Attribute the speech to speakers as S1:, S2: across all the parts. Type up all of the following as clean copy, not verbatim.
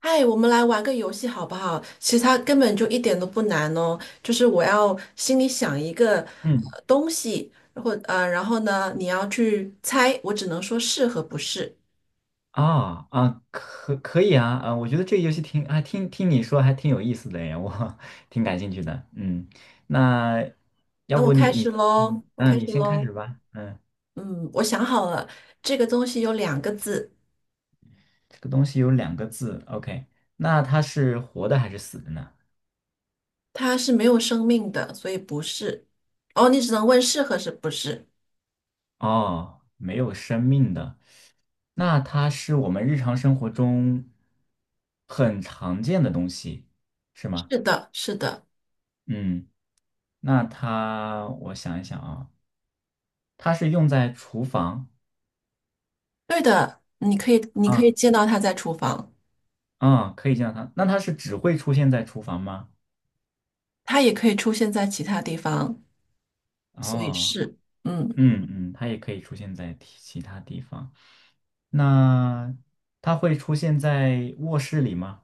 S1: 嗨，我们来玩个游戏好不好？其实它根本就一点都不难哦，就是我要心里想一个
S2: 嗯
S1: 东西，然后然后呢，你要去猜，我只能说是和不是。
S2: 啊，可以啊，我觉得这个游戏挺啊听你说还挺有意思的耶，我 挺感兴趣的。嗯，那要
S1: 那我
S2: 不你
S1: 开始
S2: 你你
S1: 喽，
S2: 你先开始吧。嗯，
S1: 嗯，我想好了，这个东西有两个字，
S2: 这个东西有两个字，OK，那它是活的还是死的呢？
S1: 它是没有生命的，所以不是。哦，你只能问是和是不是？
S2: 哦，没有生命的，那它是我们日常生活中很常见的东西，是吗？
S1: 是的，
S2: 嗯，那它我想一想啊，它是用在厨房。
S1: 对的。你可以，你可
S2: 啊
S1: 以见到它在厨房，
S2: 啊，可以见到它。那它是只会出现在厨房吗？
S1: 它也可以出现在其他地方。所以
S2: 哦，
S1: 是，嗯，
S2: 嗯嗯，它也可以出现在其他地方。那它会出现在卧室里吗？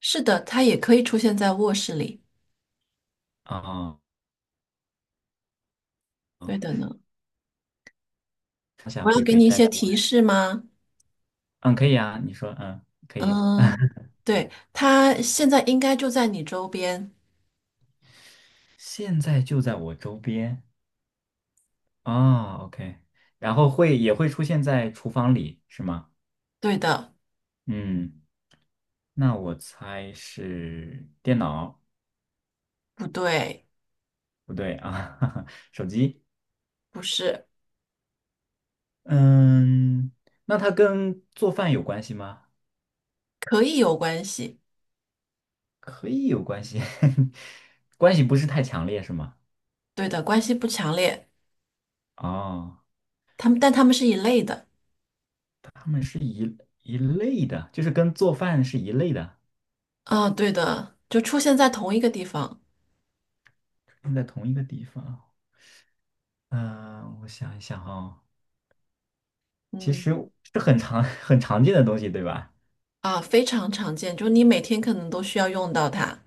S1: 是的，它也可以出现在卧室里。
S2: 啊
S1: 对
S2: 啊，
S1: 的呢，
S2: 它想
S1: 我要
S2: 会
S1: 给
S2: 被
S1: 你一
S2: 带到
S1: 些
S2: 卧
S1: 提
S2: 室。
S1: 示吗？
S2: 嗯，可以啊，你说，嗯，可以。
S1: 嗯，对，它现在应该就在你周边。
S2: 现在就在我周边啊，OK。然后会也会出现在厨房里，是吗？
S1: 对的，
S2: 嗯，那我猜是电脑，
S1: 不对，
S2: 不对啊，手机。
S1: 不是，
S2: 嗯，那它跟做饭有关系吗？
S1: 可以有关系。
S2: 可以有关系，关系不是太强烈，是吗？
S1: 对的，关系不强烈，
S2: 哦，
S1: 但它们是一类的。
S2: 它们是一类的，就是跟做饭是一类的，
S1: 啊，对的，就出现在同一个地方。
S2: 用在同一个地方。嗯，我想一想哦，其实
S1: 嗯，
S2: 是很常 很常见的东西，对吧？
S1: 啊，非常常见，就你每天可能都需要用到它，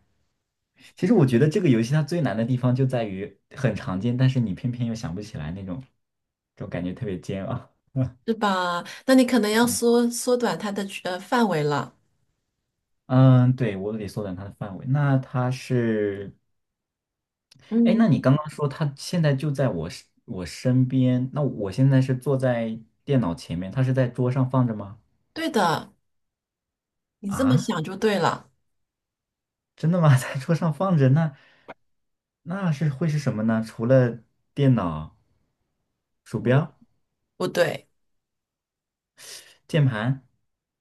S2: 其实我觉得这个游戏它最难的地方就在于很常见，但是你偏偏又想不起来那种，这种感觉特别煎熬。嗯，
S1: 是吧？那你可能要缩短它的范围了。
S2: 嗯，对，我得缩短它的范围。那它是哎，那
S1: 嗯。
S2: 你刚刚说他现在就在我身边，那我现在是坐在电脑前面，他是在桌上放着吗？
S1: 对的，你这么
S2: 啊，
S1: 想就对了。
S2: 真的吗？在桌上放着，那那是会是什么呢？除了电脑、鼠标、
S1: 不对，
S2: 键盘，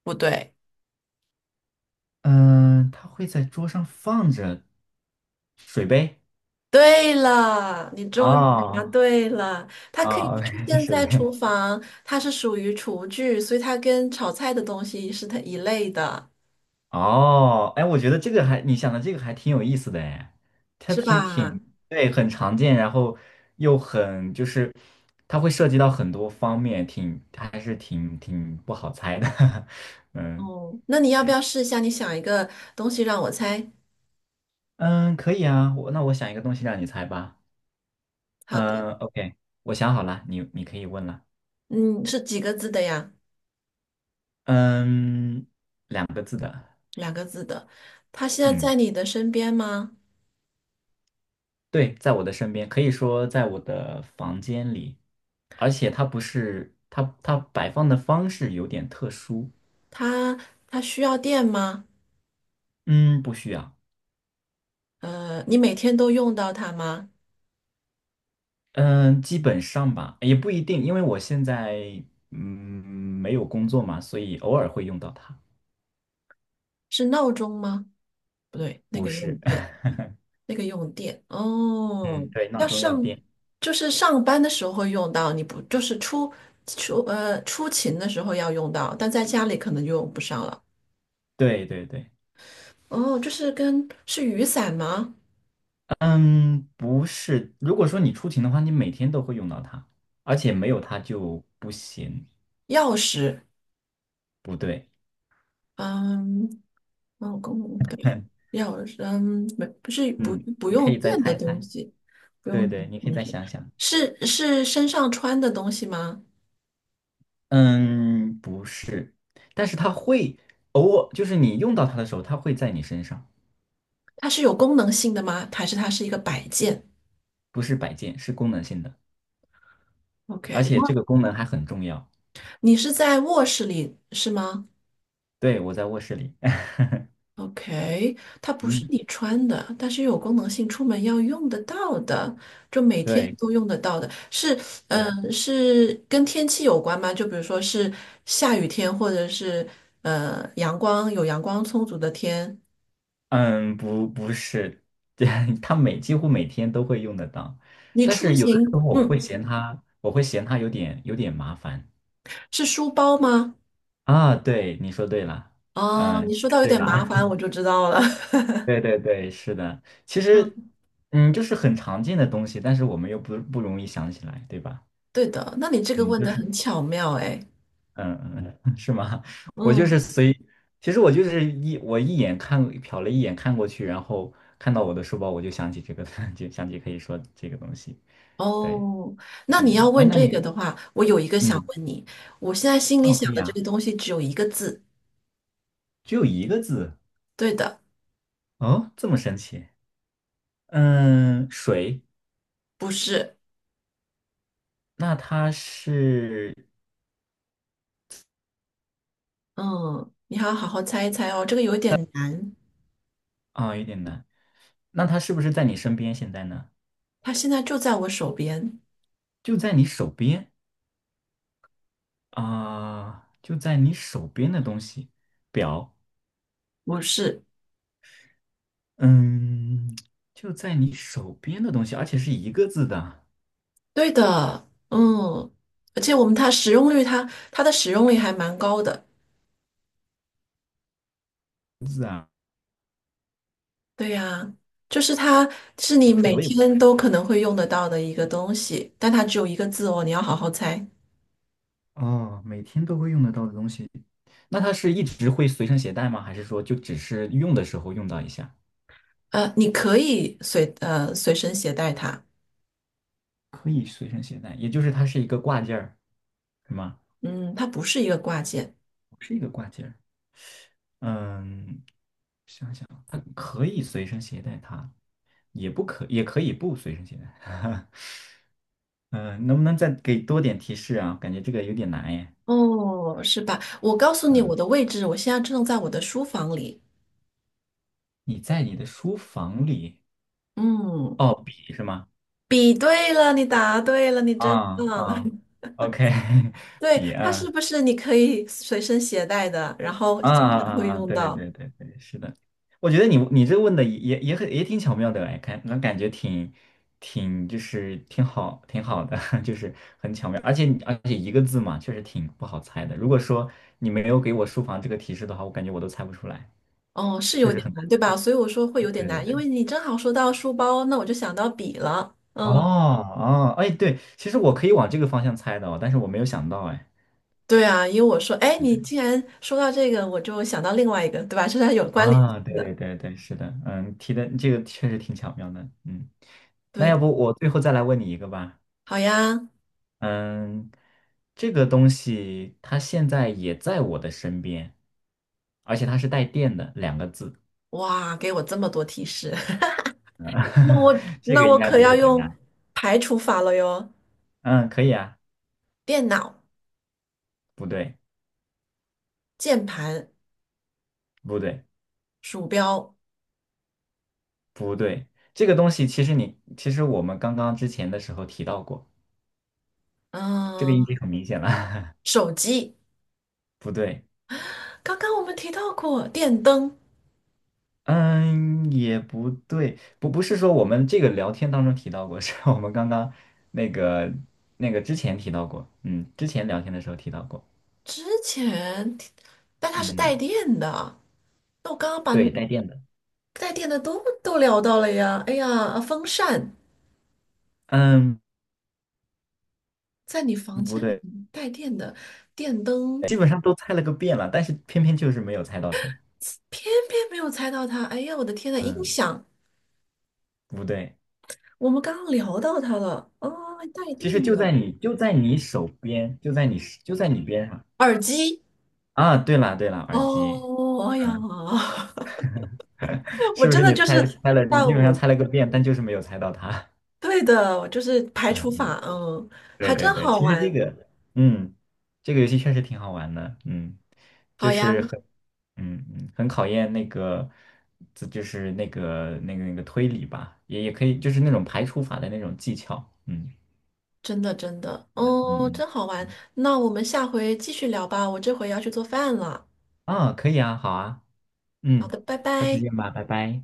S1: 不对，
S2: 嗯、他会在桌上放着水杯。
S1: 对了，你终于答
S2: 哦，
S1: 对了。它可以
S2: 哦
S1: 出
S2: ，OK，
S1: 现
S2: 水
S1: 在
S2: 杯，
S1: 厨房，它是属于厨具，所以它跟炒菜的东西是它一类的，
S2: 哦，哎，我觉得这个还，你想的这个还挺有意思的哎，它
S1: 是
S2: 挺
S1: 吧？
S2: 挺，对，很常见，然后又很就是，它会涉及到很多方面，挺，它还是挺不好猜的，嗯
S1: 哦，那你要不要试一下？你想一个东西让我猜。
S2: 嗯，可以啊，我想一个东西让你猜吧，
S1: 好的，
S2: 嗯，OK，我想好了，你可以问了，
S1: 嗯，是几个字的呀？
S2: 嗯，两个字的，
S1: 两个字的。它现在
S2: 嗯，
S1: 在你的身边吗？
S2: 对，在我的身边，可以说在我的房间里，而且它不是它摆放的方式有点特殊，
S1: 它它需要电吗？
S2: 嗯，不需要，
S1: 你每天都用到它吗？
S2: 嗯，基本上吧，也不一定，因为我现在嗯没有工作嘛，所以偶尔会用到它，
S1: 是闹钟吗？不对，那
S2: 不
S1: 个用
S2: 是，
S1: 电，那个用电哦，
S2: 嗯，对，闹
S1: 要
S2: 钟要
S1: 上
S2: 电。
S1: 就是上班的时候会用到，你不就是出勤的时候要用到，但在家里可能就用不上了。
S2: 对对对，
S1: 哦，就是跟是雨伞吗？
S2: 嗯，不是，如果说你出勤的话，你每天都会用到它，而且没有它就不行，
S1: 钥匙，
S2: 不对，
S1: 嗯，哦，公对，钥匙，嗯，不是不
S2: 嗯，
S1: 不
S2: 你可
S1: 用
S2: 以再
S1: 电的
S2: 猜
S1: 东
S2: 猜，
S1: 西，不
S2: 对
S1: 用电
S2: 对，你
S1: 的
S2: 可以
S1: 东
S2: 再
S1: 西，
S2: 想想。
S1: 是身上穿的东西吗？
S2: 嗯，不是，但是它会偶尔，就是你用到它的时候，它会在你身上，
S1: 它是有功能性的吗？还是它是一个摆件
S2: 不是摆件，是功能性的，而
S1: ？OK，
S2: 且这个功能还很重要。
S1: 你是在卧室里是吗
S2: 对，我在卧室里，
S1: ？OK，它不是
S2: 嗯，
S1: 你穿的，但是有功能性，出门要用得到的，就每天
S2: 对
S1: 都用得到的。是，
S2: 对，
S1: 嗯、是跟天气有关吗？就比如说是下雨天，或者是阳光充足的天。
S2: 嗯，不是，对，它每几乎每天都会用得到，
S1: 你
S2: 但
S1: 出
S2: 是有的时
S1: 行，
S2: 候我会
S1: 嗯，
S2: 嫌它，我会嫌它有点麻烦
S1: 是书包吗？
S2: 啊。对，你说对了，
S1: 哦，
S2: 嗯，
S1: 你
S2: 猜
S1: 说到有
S2: 对
S1: 点麻
S2: 了，
S1: 烦，我就知道了。
S2: 对对对，是的，其
S1: 嗯，
S2: 实，嗯，就是很常见的东西，但是我们又不容易想起来，对吧？
S1: 对的，那你这个
S2: 嗯，
S1: 问
S2: 就
S1: 的
S2: 是，
S1: 很巧妙，哎，
S2: 嗯嗯，嗯 是吗？我就是
S1: 嗯。
S2: 随，其实我就是一眼看瞟了一眼看过去，然后看到我的书包，我就想起这个，就想起可以说这个东西。对，
S1: 哦，
S2: 嗯，
S1: 那你要
S2: 嗯，哎，
S1: 问
S2: 那
S1: 这个
S2: 你，
S1: 的话，我有一个想
S2: 嗯，
S1: 问你，我现在心里
S2: 哦，
S1: 想
S2: 可以
S1: 的这
S2: 啊，
S1: 个东西只有一个字，
S2: 只有一个字，
S1: 对的，
S2: 哦，这么神奇，嗯，水，
S1: 不是，
S2: 那它是
S1: 嗯，你还要好好猜一猜哦，这个有点难，
S2: 啊，有点难，那它是不是在你身边现在呢？
S1: 它现在就在我手边，
S2: 就在你手边啊，就在你手边的东西，表，
S1: 不是，
S2: 嗯，就在你手边的东西，而且是一个字的
S1: 对的，嗯，而且我们它使用率它，它的使用率还蛮高的，
S2: 字啊，
S1: 对呀，就是你
S2: 否
S1: 每
S2: 则我也不知
S1: 天都可能会用得到的一个东西，但它只有一个字哦，你要好好猜，
S2: 道哦，每天都会用得到的东西，那它是一直会随身携带吗？还是说就只是用的时候用到一下，
S1: 你可以随身携带它。
S2: 可以随身携带，也就是它是一个挂件儿，是吗？
S1: 嗯，它不是一个挂件，
S2: 是一个挂件儿，嗯，想想，它可以随身携带它，也可以不随身携带。嗯，能不能再给多点提示啊？感觉这个有点难耶。
S1: 哦，是吧？我告诉你我
S2: 嗯，
S1: 的位置，我现在正在我的书房里。
S2: 你在你的书房里，
S1: 嗯，
S2: 哦，笔是吗？
S1: 比对了，你答对了，你真
S2: 啊
S1: 棒。
S2: 啊 ，OK，
S1: 对，
S2: 笔
S1: 它是
S2: 啊
S1: 不是你可以随身携带的，然后
S2: 啊
S1: 经
S2: 啊
S1: 常会
S2: 啊！啊
S1: 用
S2: 对对
S1: 到？
S2: 对对对，是的。我觉得你这问的也很也挺巧妙的哎，看那感觉挺挺好的，就是很巧妙，而且一个字嘛，确实挺不好猜的。如果说你没有给我书房这个提示的话，我感觉我都猜不出来，
S1: 哦，是
S2: 确
S1: 有
S2: 实
S1: 点
S2: 很
S1: 难，对
S2: 难。
S1: 吧？所以我说会
S2: 对
S1: 有点难，因
S2: 对。
S1: 为你正好说到书包，那我就想到笔了。嗯，
S2: 哦哦，哎，对，其实我可以往这个方向猜的哦，但是我没有想到，哎，
S1: 对啊，因为我说，哎，
S2: 对
S1: 你
S2: 对
S1: 既然说到这个，我就想到另外一个，对吧？这是有关联
S2: 啊，
S1: 性
S2: 对
S1: 的。
S2: 对对对，是的，嗯，提的这个确实挺巧妙的，嗯，那
S1: 对
S2: 要
S1: 的，
S2: 不我最后再来问你一个吧，
S1: 好呀，
S2: 嗯，这个东西它现在也在我的身边，而且它是带电的两个字，
S1: 哇，给我这么多提示。那我
S2: 这
S1: 那
S2: 个应
S1: 我
S2: 该
S1: 可
S2: 比
S1: 要
S2: 较简单，
S1: 用排除法了哟，
S2: 嗯，可以啊，
S1: 电脑、
S2: 不对，
S1: 键盘、
S2: 不对，
S1: 鼠标，
S2: 不对，这个东西其实我们刚刚之前的时候提到过，这个已
S1: 嗯、
S2: 经很明显了。
S1: 手机。
S2: 不对，
S1: 刚刚我们提到过电灯，
S2: 嗯，也不对，不是说我们这个聊天当中提到过，是我们刚刚那个那个之前提到过，嗯，之前聊天的时候提到过，
S1: 之前提但它是带
S2: 嗯，
S1: 电的。那我刚刚把你
S2: 对，带电的，
S1: 带电的都聊到了呀。哎呀，风扇
S2: 嗯，
S1: 在你房
S2: 不
S1: 间里
S2: 对，
S1: 面带电的电灯，
S2: 基本上都猜了个遍了，但是偏偏就是没有猜到它，
S1: 偏偏没有猜到它。哎呀，我的天呐，音
S2: 嗯，
S1: 响，
S2: 不对，
S1: 我们刚刚聊到它了啊，带
S2: 其实
S1: 电
S2: 就
S1: 的
S2: 在你手边，就在你边上
S1: 耳机。
S2: 啊，对了对了，
S1: 哦，
S2: 耳机，
S1: 哦哎呀，
S2: 嗯，
S1: 我
S2: 是不
S1: 真
S2: 是
S1: 的
S2: 你
S1: 就是
S2: 猜了，你
S1: 在
S2: 基本上
S1: 我
S2: 猜了个遍，但就是没有猜到它，
S1: 对的，就是 排
S2: 嗯
S1: 除
S2: 嗯
S1: 法，嗯，还
S2: 对对
S1: 真
S2: 对，
S1: 好
S2: 其实
S1: 玩，
S2: 这个，嗯，这个游戏确实挺好玩的，嗯，
S1: 好
S2: 就
S1: 呀，
S2: 是很，嗯嗯，很考验那个，这就是那个推理吧，也也可以，就是那种排除法的那种技巧，嗯
S1: 真的，
S2: 嗯
S1: 哦，
S2: 嗯，
S1: 真好玩。
S2: 嗯
S1: 那我们下回继续聊吧，我这回要去做饭了。
S2: 啊，可以啊，好啊，
S1: 好
S2: 嗯，
S1: 的，拜
S2: 下次
S1: 拜。
S2: 见吧，拜拜。